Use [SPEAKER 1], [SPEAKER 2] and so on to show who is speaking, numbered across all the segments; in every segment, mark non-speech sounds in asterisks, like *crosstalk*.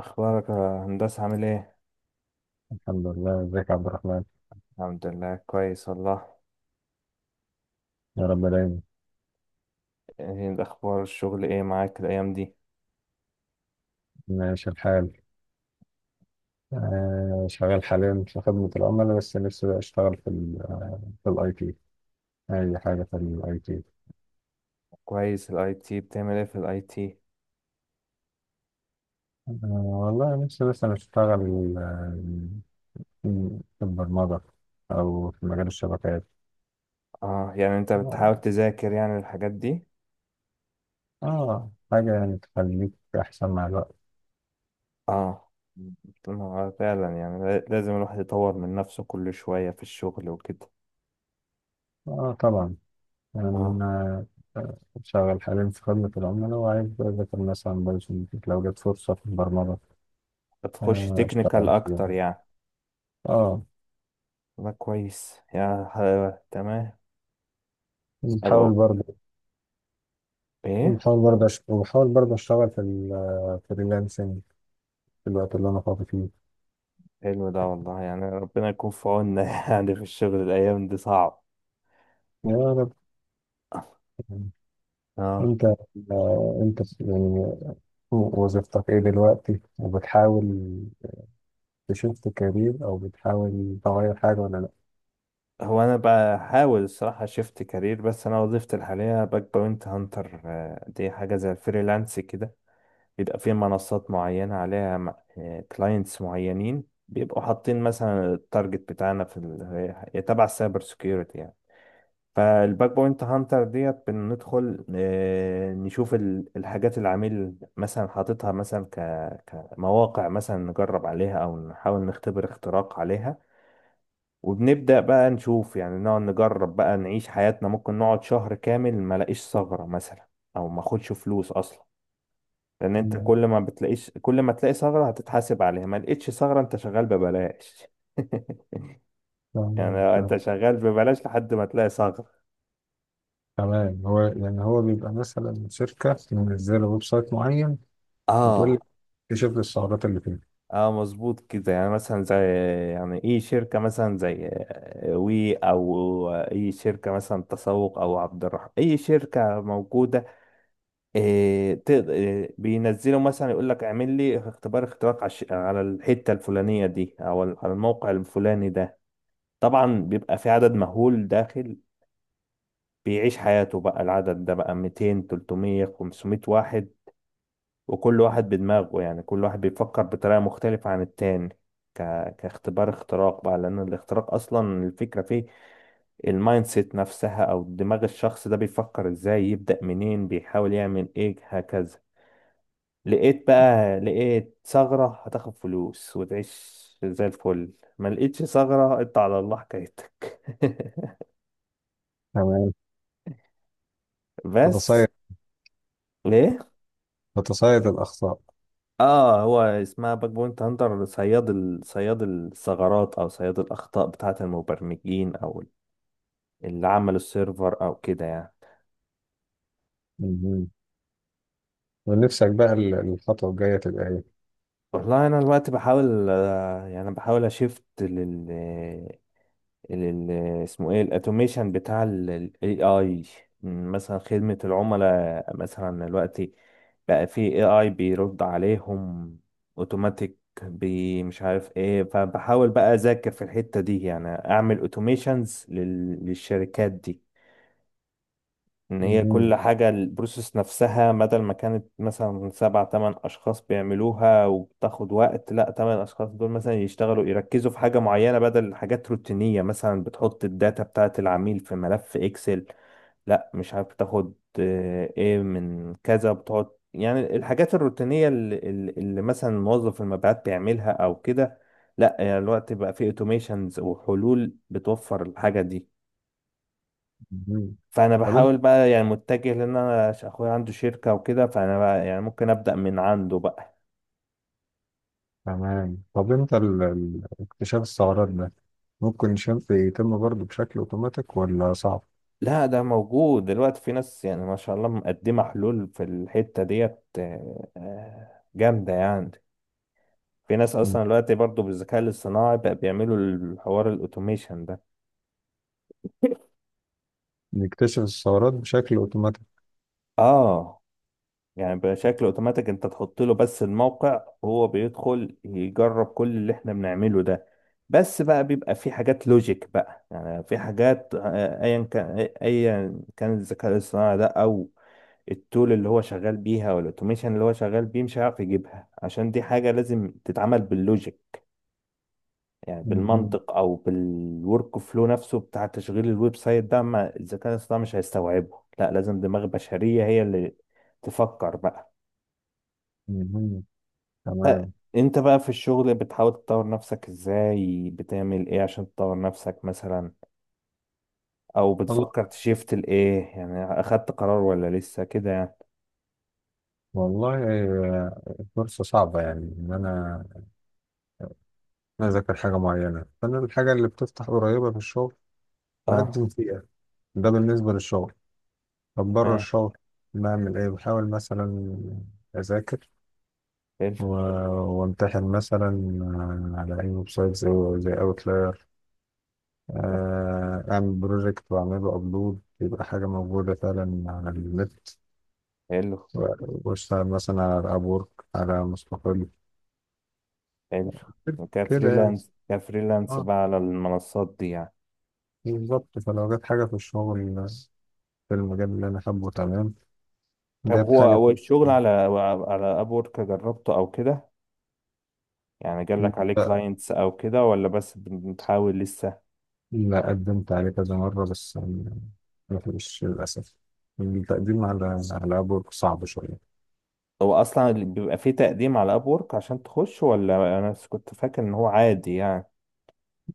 [SPEAKER 1] اخبارك يا هندسة، عامل ايه؟
[SPEAKER 2] الحمد لله، ازيك يا عبد الرحمن؟
[SPEAKER 1] الحمد لله كويس والله.
[SPEAKER 2] يا رب دايما.
[SPEAKER 1] ايه اخبار الشغل، ايه معاك الايام دي؟
[SPEAKER 2] ماشي الحال. شغال حاليا في خدمة العملاء، بس نفسي بقى اشتغل في الاي تي. اي حاجة في الاي تي.
[SPEAKER 1] كويس، الاي تي بتعمل ايه في الاي تي؟
[SPEAKER 2] آه والله نفسي مثلا اشتغل في البرمجة او في مجال الشبكات.
[SPEAKER 1] اه يعني انت بتحاول
[SPEAKER 2] اه.
[SPEAKER 1] تذاكر يعني الحاجات دي.
[SPEAKER 2] حاجة يعني تخليك احسن مع الوقت.
[SPEAKER 1] اه ما هو فعلا يعني لازم الواحد يطور من نفسه كل شوية في الشغل وكده.
[SPEAKER 2] اه طبعا. يعني
[SPEAKER 1] اه
[SPEAKER 2] انا آه، شغال حاليا في خدمة العملاء وعايز اذاكر مثلا بايثون لو جت فرصة في البرمجة.
[SPEAKER 1] بتخش تكنيكال
[SPEAKER 2] اشتغل فيها.
[SPEAKER 1] اكتر يعني.
[SPEAKER 2] اه.
[SPEAKER 1] ده كويس يا تمام.
[SPEAKER 2] بحاول
[SPEAKER 1] ابقى
[SPEAKER 2] برضه
[SPEAKER 1] ايه.
[SPEAKER 2] وبحاول برضه اشتغل في الفريلانسنج في الوقت اللي انا فاضي فيه.
[SPEAKER 1] حلو ده والله، يعني ربنا يكون في عوننا *laughs* يعني في الشغل الايام دي صعب.
[SPEAKER 2] يا رب.
[SPEAKER 1] اه.
[SPEAKER 2] انت انت يعني وظيفتك ايه دلوقتي، وبتحاول تشفت كارير، او بتحاول تغير حاجة ولا لا؟
[SPEAKER 1] هو انا بحاول الصراحه شفت كارير، بس انا وظيفتي الحاليه باك بوينت هانتر، دي حاجه زي الفريلانس كده. بيبقى في منصات معينه عليها، كلاينتس معينين بيبقوا حاطين مثلا التارجت بتاعنا في هي تبع السايبر سكيورتي يعني. فالباك بوينت هانتر ديت بندخل، نشوف الحاجات اللي العميل مثلا حاططها مثلا كمواقع مثلا نجرب عليها او نحاول نختبر اختراق عليها. وبنبدأ بقى نشوف يعني نقعد نجرب بقى نعيش حياتنا، ممكن نقعد شهر كامل ما لاقيش ثغرة مثلا، او ما اخدش فلوس اصلا. لان انت
[SPEAKER 2] مم.
[SPEAKER 1] كل ما تلاقي ثغرة هتتحاسب عليها، ما لقيتش ثغرة انت شغال ببلاش. *laughs*
[SPEAKER 2] تمام،
[SPEAKER 1] يعني انت
[SPEAKER 2] تمام،
[SPEAKER 1] شغال ببلاش لحد ما تلاقي ثغرة.
[SPEAKER 2] تمام. يعني هو بيبقى مثلا شركة منزلة ويب سايت معين، وتقول
[SPEAKER 1] اه.
[SPEAKER 2] لك اكتشف لي الثغرات اللي فيه.
[SPEAKER 1] اه مظبوط كده، يعني مثلا زي، يعني ايه شركة مثلا زي وي او اي شركة مثلا تسوق او عبد الرحمن اي شركة موجودة. إيه إيه بينزلوا مثلا يقول لك اعمل لي اختبار اختراق على على الحتة الفلانية دي او على الموقع الفلاني ده. طبعا بيبقى في عدد مهول داخل، بيعيش حياته بقى العدد ده بقى 200 300 500 واحد. وكل واحد بدماغه، يعني كل واحد بيفكر بطريقة مختلفة عن التاني، ك... كاختبار اختراق بقى. لأن الاختراق أصلا الفكرة فيه المايند سيت نفسها، أو دماغ الشخص ده بيفكر ازاي، يبدأ منين، بيحاول يعمل ايه هكذا. لقيت بقى، لقيت ثغرة هتاخد فلوس وتعيش زي الفل. ما لقيتش ثغرة انت على الله حكايتك. *laughs*
[SPEAKER 2] تمام.
[SPEAKER 1] بس.
[SPEAKER 2] تتصيد
[SPEAKER 1] ليه؟
[SPEAKER 2] تتصيد الأخطاء.
[SPEAKER 1] اه هو اسمها باك بوينت هانتر، صياد صياد الثغرات او صياد الاخطاء بتاعة المبرمجين او اللي عملوا السيرفر او كده يعني.
[SPEAKER 2] ونفسك بقى الخطوة الجاية تبقى ايه؟
[SPEAKER 1] والله انا دلوقتي بحاول، يعني بحاول اشفت ال- اسمه ايه الاتوميشن بتاع الاي اي. مثلا خدمة العملاء مثلا دلوقتي بقى في اي اي بيرد عليهم اوتوماتيك بي مش عارف ايه، فبحاول بقى اذاكر في الحتة دي، يعني اعمل اوتوميشنز للشركات دي. ان هي كل
[SPEAKER 2] مهم.
[SPEAKER 1] حاجة البروسيس نفسها، بدل ما كانت مثلا سبع تمن اشخاص بيعملوها وبتاخد وقت، لا تمن اشخاص دول مثلا يشتغلوا يركزوا في حاجة معينة بدل حاجات روتينية، مثلا بتحط الداتا بتاعة العميل في ملف اكسل. لا مش عارف تاخد ايه من كذا، بتقعد يعني الحاجات الروتينية اللي مثلا موظف المبيعات بيعملها او كده. لا يعني الوقت بقى فيه اوتوميشنز وحلول بتوفر الحاجة دي.
[SPEAKER 2] مهم.
[SPEAKER 1] فانا
[SPEAKER 2] طب انت
[SPEAKER 1] بحاول بقى يعني متجه، لان انا اخويا عنده شركه وكده، فانا بقى يعني ممكن ابدا من عنده بقى.
[SPEAKER 2] تمام. طب انت اكتشاف الثغرات ده، ممكن شنف يتم برضه بشكل اوتوماتيك ولا صعب؟
[SPEAKER 1] لا ده موجود دلوقتي، في ناس يعني ما شاء الله مقدمه حلول في الحته ديت، جامده يعني. في ناس
[SPEAKER 2] مم.
[SPEAKER 1] اصلا دلوقتي برضو بالذكاء الاصطناعي بقى بيعملوا الحوار الاوتوميشن ده.
[SPEAKER 2] نكتشف الثغرات بشكل اوتوماتيك؟
[SPEAKER 1] اه. يعني بشكل اوتوماتيك، انت تحط له بس الموقع هو بيدخل يجرب كل اللي احنا بنعمله ده. بس بقى بيبقى في حاجات لوجيك بقى، يعني في حاجات ايا كان ايا كان الذكاء الاصطناعي ده او التول اللي هو شغال بيها والاوتوميشن اللي هو شغال بيه مش هيعرف يجيبها، عشان دي حاجة لازم تتعمل باللوجيك، يعني
[SPEAKER 2] مهم.
[SPEAKER 1] بالمنطق، او بالورك فلو نفسه بتاع تشغيل الويب سايت ده، ما الذكاء الاصطناعي مش هيستوعبه. لا لازم دماغ بشرية هي اللي تفكر بقى.
[SPEAKER 2] مهم.
[SPEAKER 1] انت
[SPEAKER 2] تمام.
[SPEAKER 1] بقى في الشغل بتحاول تطور نفسك ازاي، بتعمل ايه عشان تطور نفسك مثلا، او
[SPEAKER 2] وال-
[SPEAKER 1] بتفكر تشيفت لايه، يعني اخدت قرار ولا لسه كده يعني.
[SPEAKER 2] والله فرصة صعبة، يعني إن أنا أذاكر حاجة معينة، فأنا الحاجة اللي بتفتح قريبة في الشغل بقدم
[SPEAKER 1] اه.
[SPEAKER 2] فيها. ده بالنسبة للشغل. طب بره
[SPEAKER 1] تمام.
[SPEAKER 2] الشغل بعمل إيه؟ بحاول مثلا أذاكر
[SPEAKER 1] حلو.
[SPEAKER 2] و- وامتحن مثلا على أي ويب سايت زي أوتلاير، أعمل بروجكت وأعمله أبلود، يبقى حاجة موجودة فعلا على النت
[SPEAKER 1] حلو.
[SPEAKER 2] و- وأشتغل مثلا على أبورك، على مستقل،
[SPEAKER 1] حلو.
[SPEAKER 2] كده يعني.
[SPEAKER 1] كفريلانس، كفريلانس
[SPEAKER 2] اه
[SPEAKER 1] بقى على المنصات دي يعني.
[SPEAKER 2] بالظبط، فلو جت حاجة في الشغل في المجال اللي أنا حابه. تمام.
[SPEAKER 1] طب
[SPEAKER 2] جت
[SPEAKER 1] هو
[SPEAKER 2] حاجة في
[SPEAKER 1] الشغل على، على ابورك جربته او كده، يعني جالك عليه
[SPEAKER 2] لا،
[SPEAKER 1] كلاينتس او كده ولا بس بتحاول لسه؟
[SPEAKER 2] لا، قدمت عليه كذا مرة بس يعني، ما فيش للأسف. التقديم على أبورك صعب شوية.
[SPEAKER 1] هو اصلا بيبقى فيه تقديم على ابورك عشان تخش، ولا انا بس كنت فاكر ان هو عادي يعني.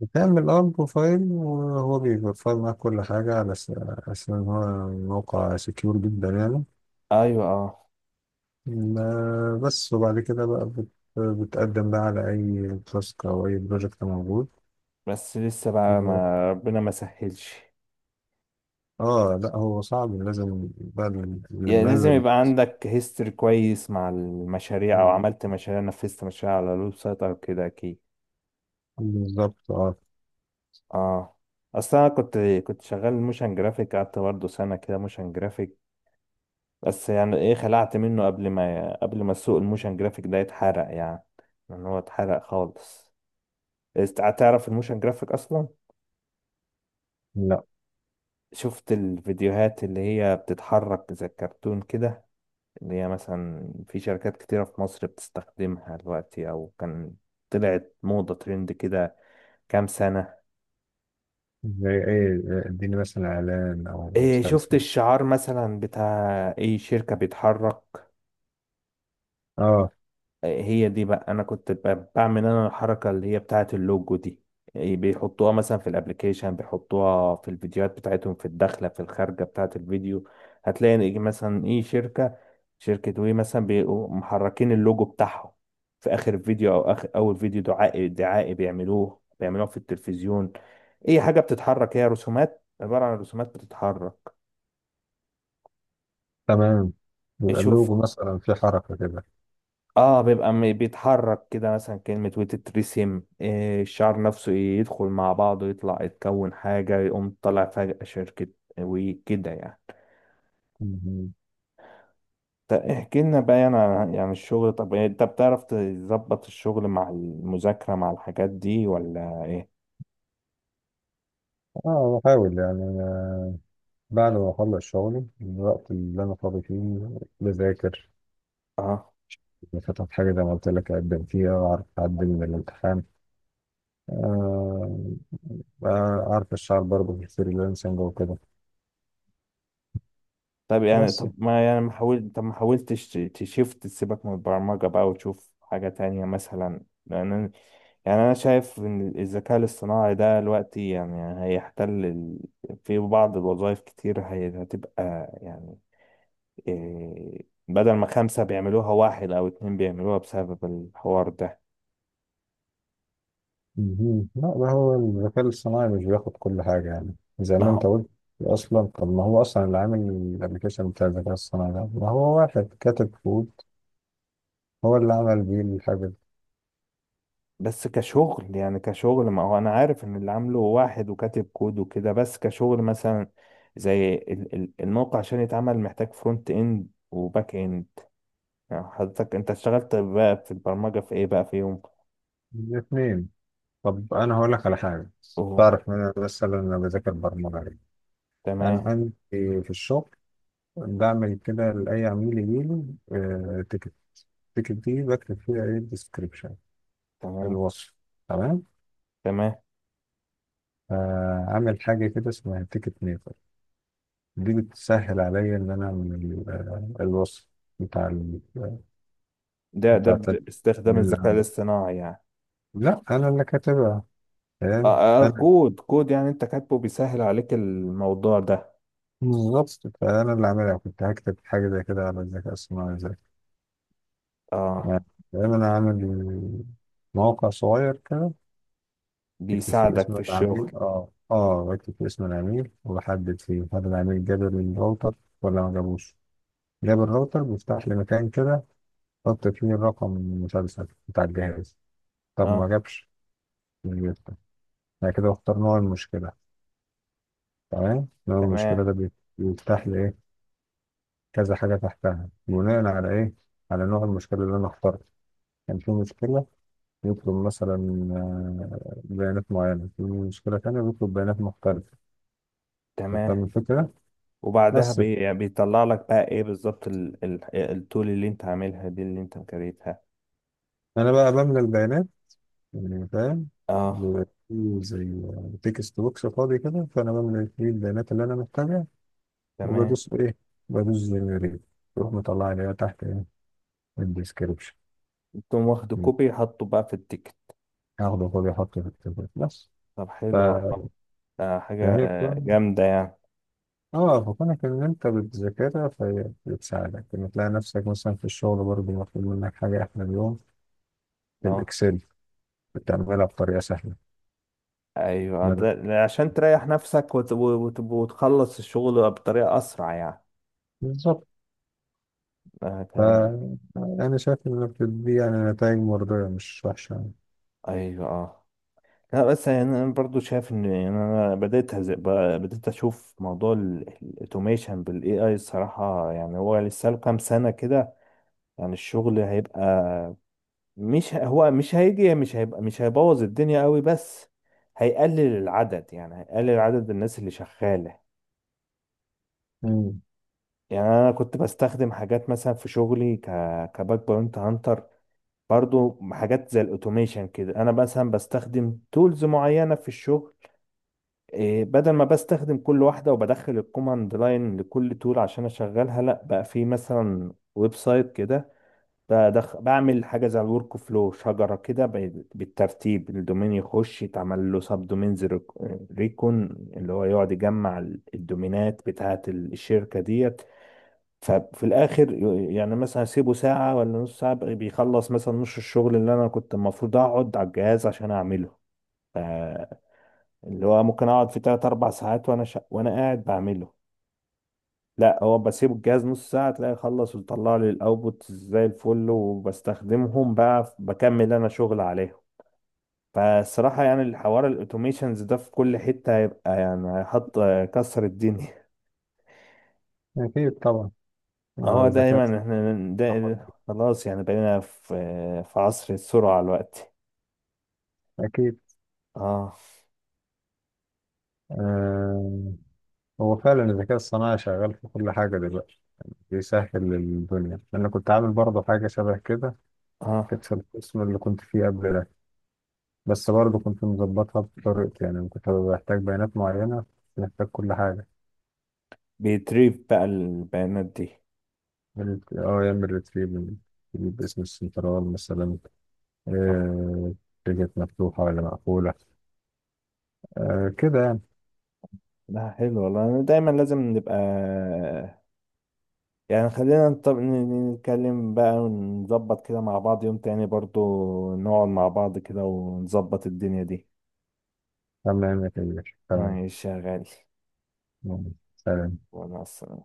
[SPEAKER 2] بتعمل بروفايل، وهو بيفر معاك كل حاجة على أساس إن هو موقع سكيور جدا يعني.
[SPEAKER 1] ايوه اه.
[SPEAKER 2] بس وبعد كده بقى بتقدم بقى على أي تاسك أو أي بروجكت موجود.
[SPEAKER 1] بس لسه بقى،
[SPEAKER 2] و-
[SPEAKER 1] ما ربنا ما سهلش.
[SPEAKER 2] اه. لا، هو صعب، لازم بقى اللي
[SPEAKER 1] يعني لازم
[SPEAKER 2] منزل.
[SPEAKER 1] يبقى عندك هيستوري كويس مع المشاريع، او عملت مشاريع نفذت مشاريع على الويب سايت او كده اكيد.
[SPEAKER 2] بالظبط اه.
[SPEAKER 1] اه. اصل انا كنت، كنت شغال موشن جرافيك، قعدت برضه سنه كده موشن جرافيك. بس يعني ايه، خلعت منه قبل ما السوق الموشن جرافيك ده يتحرق يعني. لان هو اتحرق خالص. تعرف الموشن جرافيك اصلا؟
[SPEAKER 2] لا.
[SPEAKER 1] شفت الفيديوهات اللي هي بتتحرك زي الكرتون كده، اللي هي مثلا في شركات كتيرة في مصر بتستخدمها دلوقتي أو كان، طلعت موضة ترند كده كام سنة.
[SPEAKER 2] زي ايه؟ اديني مثلا اعلان او
[SPEAKER 1] إيه شفت
[SPEAKER 2] مسلسل.
[SPEAKER 1] الشعار مثلا بتاع أي شركة بيتحرك؟
[SPEAKER 2] اه.
[SPEAKER 1] هي دي بقى انا كنت بعمل انا الحركه اللي هي بتاعه اللوجو دي. بيحطوها مثلا في الابليكيشن، بيحطوها في الفيديوهات بتاعتهم، في الداخله في الخارجه بتاعه الفيديو. هتلاقي إن إيه مثلا ايه شركه، شركه وي مثلا بيبقوا محركين اللوجو بتاعهم في اخر فيديو، او اخر اول فيديو دعائي دعائي بيعملوه بيعملوه في التلفزيون. اي حاجه بتتحرك، هي رسومات، عباره عن رسومات بتتحرك.
[SPEAKER 2] تمام. يبقى
[SPEAKER 1] شوف،
[SPEAKER 2] اللوجو مثلا في حركة كده.
[SPEAKER 1] اه بيبقى بيتحرك كده مثلا، كلمة وتترسم، الشعر نفسه يدخل مع بعضه يطلع يتكون حاجة يقوم طالع فجأة شركة وكده يعني.
[SPEAKER 2] مهم.
[SPEAKER 1] طب احكي لنا بقى يعني عن يعني الشغل، طب انت بتعرف تظبط الشغل مع المذاكرة مع الحاجات دي ولا ايه؟
[SPEAKER 2] اه بحاول يعني، بعد ما أخلص شغلي الوقت اللي أنا فاضي فيه بذاكر،
[SPEAKER 1] اه.
[SPEAKER 2] بفتح حاجة زي ما قلت لك أقدم فيها وأعرف أعدي من الامتحان. آه، أعرف أشتغل برضه في الفريلانسنج وكده.
[SPEAKER 1] طب يعني
[SPEAKER 2] بس.
[SPEAKER 1] طب ما حاولتش تشيفت تسيبك من البرمجة بقى وتشوف حاجة تانية مثلا، لأن يعني أنا شايف إن الذكاء الاصطناعي ده دلوقتي يعني هيحتل في بعض الوظائف، كتير هتبقى يعني بدل ما خمسة بيعملوها واحد أو اتنين بيعملوها بسبب الحوار ده.
[SPEAKER 2] مهم. لا، ده هو الذكاء الصناعي مش بياخد كل حاجة يعني زي
[SPEAKER 1] ما
[SPEAKER 2] ما
[SPEAKER 1] هو.
[SPEAKER 2] أنت قلت. أصلا طب ما هو أصلا اللي عامل الأبلكيشن بتاع الذكاء الصناعي ده، ما هو واحد كاتب كود هو اللي عمل بيه الحاجة دي.
[SPEAKER 1] بس كشغل يعني، كشغل ما هو أنا عارف إن اللي عامله واحد وكاتب كود وكده، بس كشغل مثلا زي الموقع عشان يتعمل محتاج فرونت إند وباك إند. يعني حضرتك أنت اشتغلت بقى في البرمجة في إيه بقى فيهم؟
[SPEAKER 2] الاتنين. طب أنا هقول لك على حاجة.
[SPEAKER 1] أوه.
[SPEAKER 2] تعرف إن مثلا أنا بذاكر برمجة. أنا
[SPEAKER 1] تمام.
[SPEAKER 2] عندي في الشغل بعمل كده لأي عميل يجيلي تيكت. التيكت دي بكتب فيها إيه، الديسكريبشن،
[SPEAKER 1] تمام.
[SPEAKER 2] الوصف. تمام.
[SPEAKER 1] تمام.
[SPEAKER 2] عامل حاجة كده اسمها تيكت ميكر. دي بتسهل عليا إن أنا أعمل الوصف بتاع ال آه،
[SPEAKER 1] ده
[SPEAKER 2] بتاع التد-
[SPEAKER 1] باستخدام
[SPEAKER 2] اللي
[SPEAKER 1] الذكاء
[SPEAKER 2] عامل،
[SPEAKER 1] الاصطناعي يعني.
[SPEAKER 2] لا، أنا اللي كاتبها. فاهم؟ فأنا
[SPEAKER 1] كود، كود يعني انت كاتبه بيسهل عليك الموضوع ده.
[SPEAKER 2] بالظبط. فأنا اللي عاملها كنت هكتب حاجة زي كده على الذكاء الصناعي إزاي،
[SPEAKER 1] اه
[SPEAKER 2] يعني فاهم؟ أنا عامل موقع صغير كده.
[SPEAKER 1] بيساعدك في الشغل.
[SPEAKER 2] بكتب فيه اسم العميل وبحدد فيه هل العميل جاب الراوتر ولا ما جابوش. جاب الراوتر بيفتح لي مكان كده، احط فيه الرقم المسلسل بتاع الجهاز. طب ما
[SPEAKER 1] اه.
[SPEAKER 2] جابش مش بيفتح. انا كده بختار نوع المشكلة. تمام. نوع
[SPEAKER 1] تمام.
[SPEAKER 2] المشكلة ده بيفتح لي ايه، كذا حاجة تحتها بناء على ايه، على نوع المشكلة اللي انا اخترته. كان في مشكلة يطلب مثلا بيانات معينة، في مشكلة تانية بيطلب بيانات مختلفة.
[SPEAKER 1] تمام.
[SPEAKER 2] فاهم الفكرة؟
[SPEAKER 1] وبعدها
[SPEAKER 2] بس
[SPEAKER 1] بي يعني بيطلع لك بقى ايه بالظبط التول اللي انت عاملها دي اللي انت مكريتها.
[SPEAKER 2] انا بقى بملى البيانات، يعني فاهم؟
[SPEAKER 1] اه.
[SPEAKER 2] بيبقى فيه زي تكست بوكس فاضي كده، فانا بملى فيه البيانات اللي انا محتاجها.
[SPEAKER 1] تمام.
[SPEAKER 2] وبدوس ايه؟ بدوس جنريت. تروح مطلع لي بقى تحت ايه، الديسكربشن.
[SPEAKER 1] تقوم واخد كوبي حاطه بقى في التيكت.
[SPEAKER 2] هاخده فاضي احطه في التبلت بس.
[SPEAKER 1] طب
[SPEAKER 2] ف-
[SPEAKER 1] حلو والله. آه حاجة
[SPEAKER 2] فهي كون
[SPEAKER 1] جامدة يعني.
[SPEAKER 2] اه فكونك ان انت بتذاكرها فهي بتساعدك ان تلاقي نفسك مثلا في الشغل برضه مطلوب منك حاجه، احنا اليوم في
[SPEAKER 1] اه
[SPEAKER 2] الاكسل بتعملها بطريقه سهله.
[SPEAKER 1] ايوه
[SPEAKER 2] بدل-
[SPEAKER 1] عشان تريح نفسك وتخلص الشغل بطريقة اسرع يعني.
[SPEAKER 2] بالظبط.
[SPEAKER 1] آه تا-
[SPEAKER 2] فأنا شايف إن الأبتر دي يعني نتائج مرضية، مش وحشة يعني.
[SPEAKER 1] ايوه اه. لا بس يعني انا برضو شايف ان، يعني انا بدأت اشوف موضوع الاوتوميشن بالاي اي الصراحة، يعني هو لسه له كام سنة كده. يعني الشغل هيبقى مش هو مش هيجي مش هيبقى مش هيبوظ الدنيا قوي، بس هيقلل العدد، يعني هيقلل عدد الناس اللي شغالة.
[SPEAKER 2] مم.
[SPEAKER 1] يعني انا كنت بستخدم حاجات مثلا في شغلي كباك بوينت هانتر، برضو حاجات زي الاوتوميشن كده. انا مثلا بستخدم تولز معينة في الشغل، بدل ما بستخدم كل واحدة وبدخل الكوماند لاين لكل تول عشان أشغلها، لأ بقى في مثلا ويب سايت كده بعمل حاجة زي الورك فلو شجرة كده بالترتيب، الدومين يخش يتعمل له سب دومينز، ريكون، اللي هو يقعد يجمع الدومينات بتاعة الشركة ديت. ففي الآخر يعني مثلا أسيبه ساعة ولا نص ساعة بيخلص مثلا نص الشغل اللي أنا كنت المفروض أقعد على الجهاز عشان أعمله، اللي هو ممكن اقعد في تلات اربع ساعات وانا قاعد بعمله. لا هو بسيب الجهاز نص ساعة تلاقي خلص ويطلع لي الاوتبوت زي الفل، وبستخدمهم بقى بكمل انا شغل عليهم. فالصراحة يعني الحوار الاوتوميشنز ده في كل حتة هيبقى يعني هيحط كسر الدنيا.
[SPEAKER 2] أكيد طبعا.
[SPEAKER 1] *laughs* هو
[SPEAKER 2] الذكاء
[SPEAKER 1] دايما احنا ده.
[SPEAKER 2] الصناعي.
[SPEAKER 1] خلاص يعني بقينا في، في عصر السرعة الوقت.
[SPEAKER 2] أكيد.
[SPEAKER 1] اه.
[SPEAKER 2] آه هو فعلا الذكاء الصناعي شغال في كل حاجة دلوقتي، بيسهل الدنيا. أنا كنت عامل برضه حاجة شبه كده، كانت
[SPEAKER 1] اه
[SPEAKER 2] في القسم اللي كنت فيه قبل ده. بس برضه كنت مظبطها بطريقتي، يعني كنت بحتاج بيانات معينة، محتاج كل حاجة.
[SPEAKER 1] بيتريف بقى البيانات دي.
[SPEAKER 2] يعمل ريتريف، يجيب اسم السنترال مثلا.
[SPEAKER 1] آه.
[SPEAKER 2] آه، تيجت مفتوحة ولا مقفولة. كده يعني.
[SPEAKER 1] لا حلو والله، أنا دايما لازم نبقى يعني، خلينا نطب... ن- ن- نتكلم بقى ونظبط كده مع بعض يوم تاني برضو، نقعد مع بعض كده ونظبط الدنيا دي.
[SPEAKER 2] تمام يا كبير. تمام.
[SPEAKER 1] ماشي يا غالي.
[SPEAKER 2] يلا، سلام.
[SPEAKER 1] وانا أصلاً